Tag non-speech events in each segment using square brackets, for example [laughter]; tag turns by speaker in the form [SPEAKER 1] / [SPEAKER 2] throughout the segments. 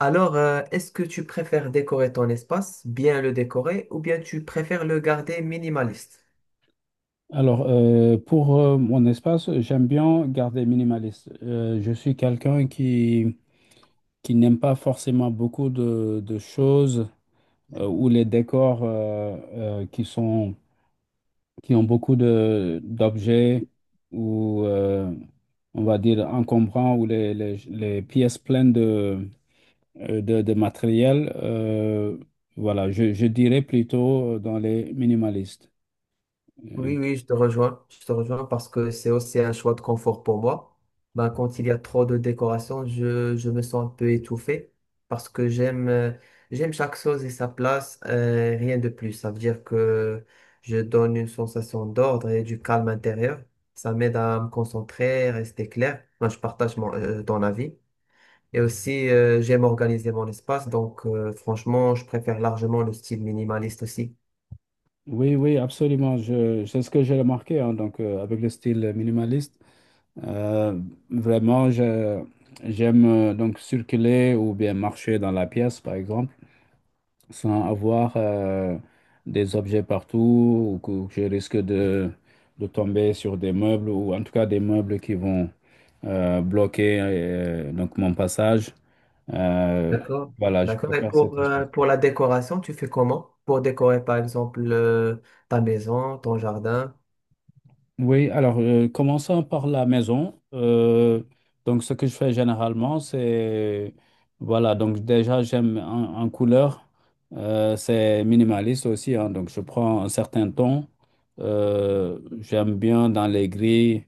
[SPEAKER 1] Est-ce que tu préfères décorer ton espace, bien le décorer, ou bien tu préfères le garder minimaliste?
[SPEAKER 2] Pour mon espace, j'aime bien garder minimaliste. Je suis quelqu'un qui n'aime pas forcément beaucoup de choses ou les décors qui ont beaucoup d'objets ou, on va dire, encombrants ou les pièces pleines de matériel. Voilà, je dirais plutôt dans les minimalistes. Euh,
[SPEAKER 1] Oui, oui, je te rejoins. Je te rejoins parce que c'est aussi un choix de confort pour moi. Ben, quand il y a trop de décoration, je me sens un peu étouffé parce que j'aime chaque chose et sa place, rien de plus. Ça veut dire que je donne une sensation d'ordre et du calme intérieur. Ça m'aide à me concentrer, rester clair. Moi, je partage ton avis. Et aussi, j'aime organiser mon espace, donc franchement, je préfère largement le style minimaliste aussi.
[SPEAKER 2] Oui, oui, absolument. Je, c'est ce que j'ai remarqué, hein, avec le style minimaliste. Euh, Vraiment, j'aime donc circuler ou bien marcher dans la pièce, par exemple, sans avoir des objets partout ou que je risque de tomber sur des meubles ou en tout cas des meubles qui vont bloquer donc mon passage. Euh,
[SPEAKER 1] D'accord.
[SPEAKER 2] voilà, je
[SPEAKER 1] D'accord. Et
[SPEAKER 2] préfère cette espace.
[SPEAKER 1] pour la décoration, tu fais comment? Pour décorer, par exemple, ta maison, ton jardin.
[SPEAKER 2] Oui, alors commençons par la maison. Donc ce que je fais généralement, c'est voilà, donc déjà j'aime en couleur, c'est minimaliste aussi, hein. Donc je prends un certain ton. J'aime bien dans les gris,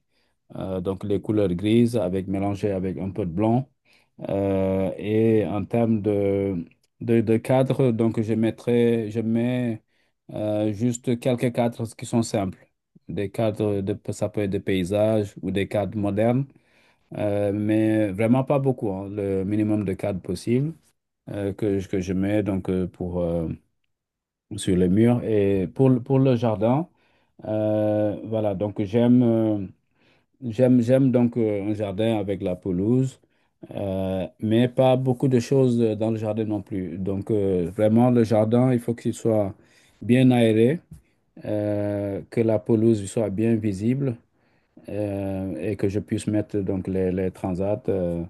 [SPEAKER 2] donc les couleurs grises avec mélangées avec un peu de blanc. Et en termes de cadres, donc je mettrai, je mets juste quelques cadres qui sont simples. Des cadres de, ça peut être de paysages ou des cadres modernes, mais vraiment pas beaucoup, hein, le minimum de cadres possible que je mets donc pour sur les murs et pour, pour le jardin. Voilà, donc j'aime j'aime donc un jardin avec la pelouse. Mais pas beaucoup de choses dans le jardin non plus. Donc, vraiment, le jardin, il faut qu'il soit bien aéré, que la pelouse soit bien visible et que je puisse mettre donc les transats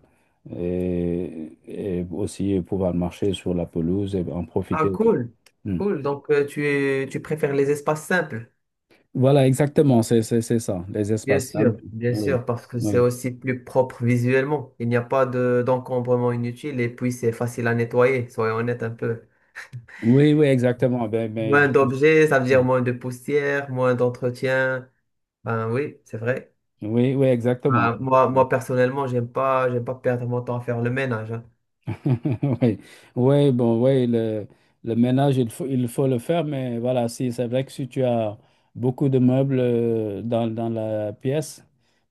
[SPEAKER 2] et aussi pouvoir marcher sur la pelouse et en
[SPEAKER 1] Ah,
[SPEAKER 2] profiter.
[SPEAKER 1] cool.
[SPEAKER 2] Hmm.
[SPEAKER 1] Cool. Donc, tu préfères les espaces simples.
[SPEAKER 2] Voilà, exactement, c'est ça, les espaces simples.
[SPEAKER 1] Bien
[SPEAKER 2] Oui,
[SPEAKER 1] sûr, parce que c'est
[SPEAKER 2] oui.
[SPEAKER 1] aussi plus propre visuellement. Il n'y a pas de d'encombrement inutile et puis c'est facile à nettoyer, soyons honnêtes un peu.
[SPEAKER 2] Oui, oui, exactement.
[SPEAKER 1] Moins d'objets, ça veut dire moins de poussière, moins d'entretien. Ben oui, c'est vrai.
[SPEAKER 2] Oui, oui, exactement.
[SPEAKER 1] Ben, moi personnellement, j'aime pas perdre mon temps à faire le ménage, hein.
[SPEAKER 2] [laughs] Oui, oui, bon, oui, le ménage, il faut le faire, mais voilà, si, c'est vrai que si tu as beaucoup de meubles dans la pièce,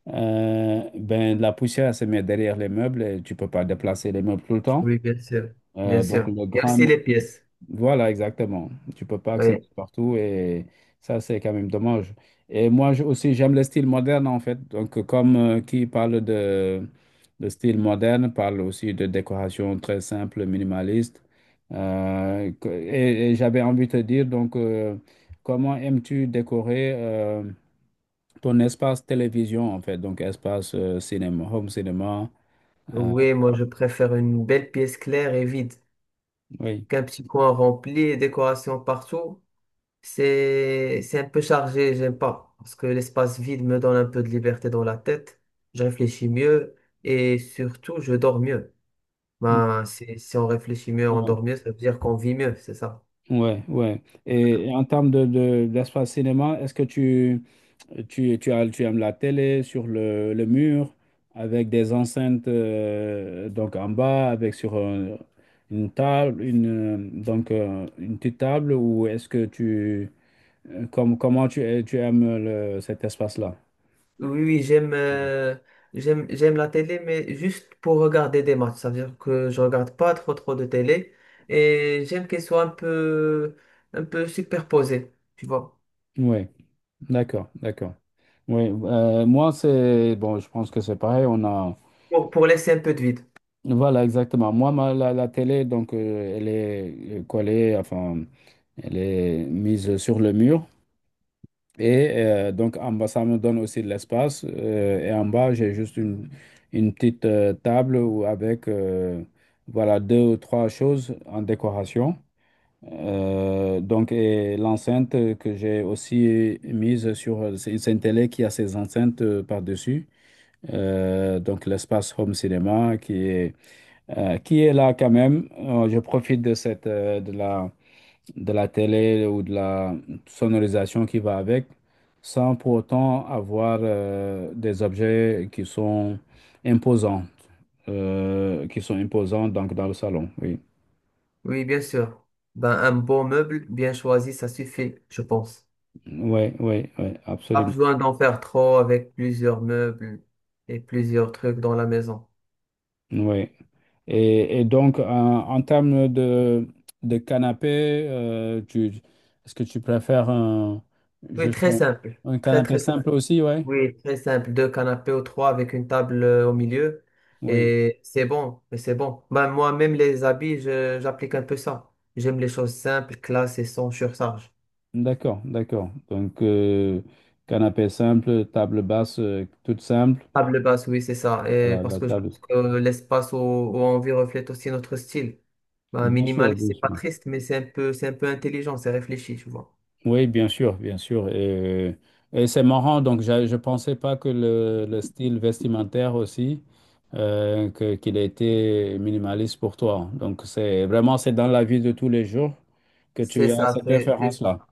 [SPEAKER 2] ben, la poussière se met derrière les meubles et tu peux pas déplacer les meubles tout le temps.
[SPEAKER 1] Oui, bien sûr, bien
[SPEAKER 2] Euh, donc,
[SPEAKER 1] sûr.
[SPEAKER 2] le
[SPEAKER 1] Et aussi
[SPEAKER 2] grand,
[SPEAKER 1] les pièces.
[SPEAKER 2] voilà, exactement. Tu peux pas accéder
[SPEAKER 1] Oui.
[SPEAKER 2] partout et ça, c'est quand même dommage. Et aussi, j'aime le style moderne en fait. Donc, comme qui parle de style moderne, parle aussi de décoration très simple, minimaliste. Et j'avais envie de te dire, donc, comment aimes-tu décorer ton espace télévision en fait? Donc, espace cinéma, home cinéma. euh,
[SPEAKER 1] Oui, moi je préfère une belle pièce claire et vide
[SPEAKER 2] oui.
[SPEAKER 1] qu'un petit coin rempli et décoration partout. C'est un peu chargé, j'aime pas, parce que l'espace vide me donne un peu de liberté dans la tête, je réfléchis mieux et surtout je dors mieux. Ben, si on réfléchit mieux, on
[SPEAKER 2] Ouais.
[SPEAKER 1] dort mieux, ça veut dire qu'on vit mieux, c'est ça.
[SPEAKER 2] Ouais, ouais. Et en termes d'espace cinéma, est-ce que tu aimes la télé sur le mur avec des enceintes donc en bas, avec sur une table, une petite table, ou est-ce que comment tu, tu aimes le, cet espace-là?
[SPEAKER 1] Oui, oui, j'aime la télé, mais juste pour regarder des matchs. Ça veut dire que je regarde pas trop trop de télé et j'aime qu'elle soit un peu superposée, tu vois,
[SPEAKER 2] Oui, d'accord, d'accord. Oui, moi c'est, bon, je pense que c'est pareil, on a.
[SPEAKER 1] pour laisser un peu de vide.
[SPEAKER 2] Voilà, exactement. Moi, la télé, donc, elle est collée, enfin, elle est mise sur le mur. Et donc, en bas, ça me donne aussi de l'espace. Et en bas, j'ai juste une petite table avec, voilà, deux ou trois choses en décoration. Donc, et l'enceinte que j'ai aussi mise sur, c'est une télé qui a ses enceintes par-dessus. Donc, l'espace home cinéma qui est là quand même. Je profite de cette, de la télé ou de la sonorisation qui va avec, sans pour autant avoir des objets qui sont imposants, donc dans le salon. Oui,
[SPEAKER 1] Oui, bien sûr. Ben, un bon meuble bien choisi, ça suffit, je pense.
[SPEAKER 2] oui, oui, oui,
[SPEAKER 1] Pas
[SPEAKER 2] absolument.
[SPEAKER 1] besoin d'en faire trop avec plusieurs meubles et plusieurs trucs dans la maison.
[SPEAKER 2] Oui. Et donc, en termes de canapé, est-ce que tu préfères
[SPEAKER 1] Oui,
[SPEAKER 2] juste
[SPEAKER 1] très
[SPEAKER 2] un,
[SPEAKER 1] simple,
[SPEAKER 2] un
[SPEAKER 1] très
[SPEAKER 2] canapé
[SPEAKER 1] très simple.
[SPEAKER 2] simple aussi, ouais?
[SPEAKER 1] Oui, très simple, deux canapés ou trois avec une table au milieu.
[SPEAKER 2] Oui.
[SPEAKER 1] Et c'est bon, et c'est bon. Ben, moi, même les habits, j'applique un peu ça. J'aime les choses simples, classe et sans surcharge.
[SPEAKER 2] D'accord, d'accord. Donc, canapé simple, table basse, toute simple.
[SPEAKER 1] Table basse, oui, c'est ça. Et
[SPEAKER 2] Voilà,
[SPEAKER 1] parce
[SPEAKER 2] la
[SPEAKER 1] que je
[SPEAKER 2] table.
[SPEAKER 1] pense que l'espace où on vit reflète aussi notre style. Ben,
[SPEAKER 2] Bien sûr,
[SPEAKER 1] minimaliste,
[SPEAKER 2] bien
[SPEAKER 1] c'est
[SPEAKER 2] sûr.
[SPEAKER 1] pas triste, mais c'est un peu intelligent, c'est réfléchi, tu vois.
[SPEAKER 2] Oui, bien sûr, bien sûr. Euh, et c'est marrant, donc je ne pensais pas que le style vestimentaire aussi, qu'il était minimaliste pour toi. Donc, c'est vraiment, c'est dans la vie de tous les jours que
[SPEAKER 1] C'est
[SPEAKER 2] tu as
[SPEAKER 1] ça,
[SPEAKER 2] cette
[SPEAKER 1] c'est ça.
[SPEAKER 2] référence-là.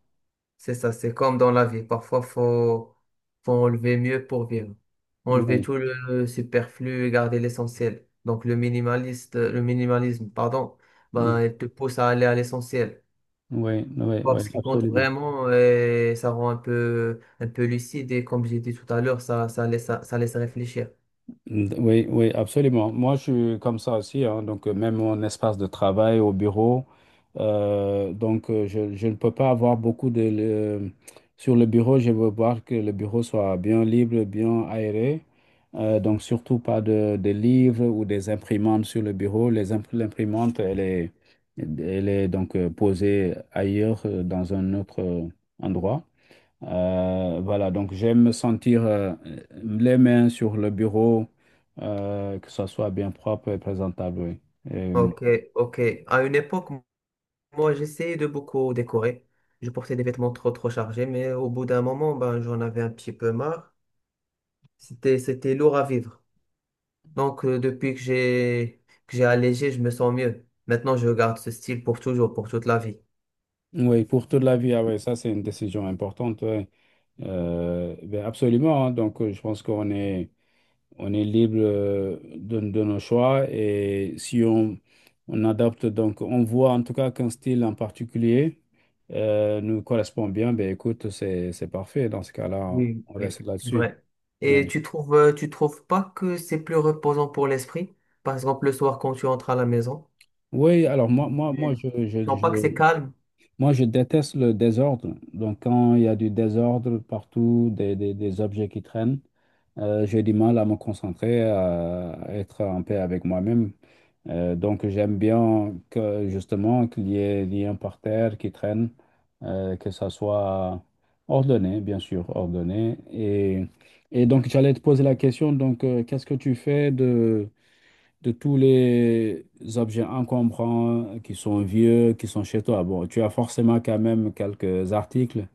[SPEAKER 1] C'est ça, c'est comme dans la vie. Parfois, faut enlever mieux pour vivre. Enlever
[SPEAKER 2] Oui,
[SPEAKER 1] tout le superflu et garder l'essentiel. Donc, le minimaliste, le minimalisme, pardon,
[SPEAKER 2] oui,
[SPEAKER 1] ben, il te pousse à aller à l'essentiel.
[SPEAKER 2] oui, oui, oui,
[SPEAKER 1] Voir ce qui compte
[SPEAKER 2] absolument.
[SPEAKER 1] vraiment et ça rend un peu lucide et comme j'ai dit tout à l'heure, ça laisse réfléchir.
[SPEAKER 2] Oui, oui, absolument. Moi, je suis comme ça aussi, hein. Donc même mon espace de travail au bureau, je ne peux pas avoir beaucoup de... Sur le bureau, je veux voir que le bureau soit bien libre, bien aéré. Donc surtout pas de livres ou des imprimantes sur le bureau. L'imprimante, elle est donc posée ailleurs, dans un autre endroit. Voilà, donc j'aime me sentir les mains sur le bureau, que ça soit bien propre et présentable, oui. Et,
[SPEAKER 1] Ok, ok. À une époque, moi, j'essayais de beaucoup décorer. Je portais des vêtements trop chargés, mais au bout d'un moment, ben, j'en avais un petit peu marre. C'était lourd à vivre. Donc, depuis que j'ai allégé, je me sens mieux. Maintenant, je garde ce style pour toujours, pour toute la vie.
[SPEAKER 2] oui, pour toute la vie, ah ouais, ça c'est une décision importante. Ouais. Ben absolument, hein. Donc je pense qu'on est, on est libre de nos choix et si on adopte, donc on voit en tout cas qu'un style en particulier nous correspond bien, ben écoute, c'est parfait. Dans ce cas-là,
[SPEAKER 1] Oui,
[SPEAKER 2] on
[SPEAKER 1] oui,
[SPEAKER 2] reste
[SPEAKER 1] c'est
[SPEAKER 2] là-dessus.
[SPEAKER 1] vrai. Et
[SPEAKER 2] Ouais.
[SPEAKER 1] tu trouves pas que c'est plus reposant pour l'esprit? Par exemple, le soir, quand tu entres à la maison,
[SPEAKER 2] Oui, alors moi,
[SPEAKER 1] oui, tu sens pas que c'est
[SPEAKER 2] je-
[SPEAKER 1] calme?
[SPEAKER 2] moi, je déteste le désordre. Donc, quand il y a du désordre partout, des objets qui traînent, j'ai du mal à me concentrer, à être en paix avec moi-même. Donc, j'aime bien que, justement, qu'il y ait des liens par terre qui traînent, que ça soit ordonné, bien sûr, ordonné. Et donc, j'allais te poser la question, donc, qu'est-ce que tu fais de tous les objets encombrants qui sont vieux, qui sont chez toi. Bon, tu as forcément quand même quelques articles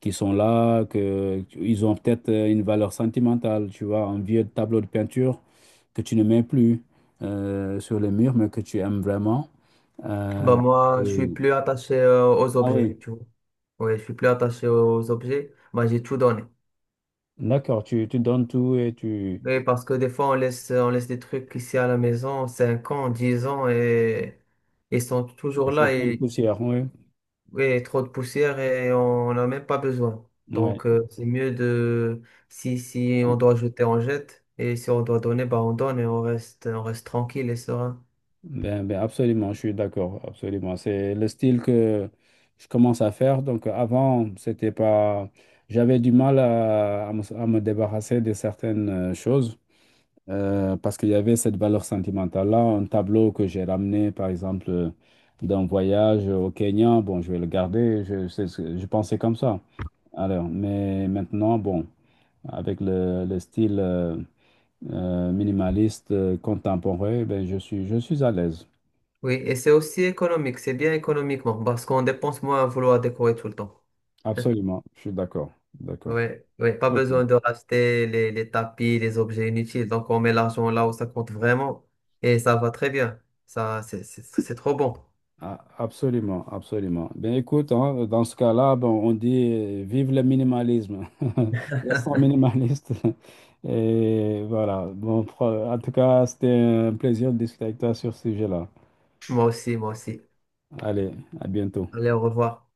[SPEAKER 2] qui sont là, ils ont peut-être une valeur sentimentale. Tu vois, un vieux tableau de peinture que tu ne mets plus sur les murs, mais que tu aimes vraiment.
[SPEAKER 1] Bah,
[SPEAKER 2] Euh,
[SPEAKER 1] moi, je suis
[SPEAKER 2] et-
[SPEAKER 1] plus attaché, aux
[SPEAKER 2] Ah
[SPEAKER 1] objets,
[SPEAKER 2] oui,
[SPEAKER 1] tu vois. Oui, je suis plus attaché aux objets. Bah, j'ai tout donné.
[SPEAKER 2] d'accord, tu donnes tout et tu...
[SPEAKER 1] Oui, parce que des fois, on laisse des trucs ici à la maison, 5 ans, 10 ans, et ils sont
[SPEAKER 2] Et
[SPEAKER 1] toujours
[SPEAKER 2] c'est
[SPEAKER 1] là.
[SPEAKER 2] plein de
[SPEAKER 1] Et
[SPEAKER 2] poussière, oui.
[SPEAKER 1] oui, trop de poussière et on n'en a même pas besoin.
[SPEAKER 2] Ouais.
[SPEAKER 1] Donc, c'est mieux de, si, si on doit jeter, on jette. Et si on doit donner, bah, on donne et on reste tranquille et serein.
[SPEAKER 2] Ben, ben absolument, je suis d'accord, absolument. C'est le style que je commence à faire. Donc avant, c'était pas, j'avais du mal à me débarrasser de certaines choses parce qu'il y avait cette valeur sentimentale-là. Un tableau que j'ai ramené, par exemple, d'un voyage au Kenya, bon, je vais le garder. Je, c'est ce que- Je pensais comme ça. Alors, mais maintenant, bon, avec le style minimaliste contemporain, ben, je suis à l'aise.
[SPEAKER 1] Oui, et c'est aussi économique, c'est bien économiquement parce qu'on dépense moins à vouloir décorer tout le temps.
[SPEAKER 2] Absolument, je suis d'accord, d'accord.
[SPEAKER 1] Oui, oui, pas
[SPEAKER 2] Ok.
[SPEAKER 1] besoin de racheter les tapis, les objets inutiles. Donc, on met l'argent là où ça compte vraiment et ça va très bien. Ça, c'est trop bon.
[SPEAKER 2] Ah, absolument, absolument. Ben écoute, hein, dans ce cas-là, ben, on dit vive le minimalisme. [laughs] Restons minimaliste. Et voilà. Bon, en tout cas, c'était un plaisir de discuter avec toi sur ce sujet-là.
[SPEAKER 1] Moi aussi, moi aussi.
[SPEAKER 2] Allez, à bientôt.
[SPEAKER 1] Allez, au revoir.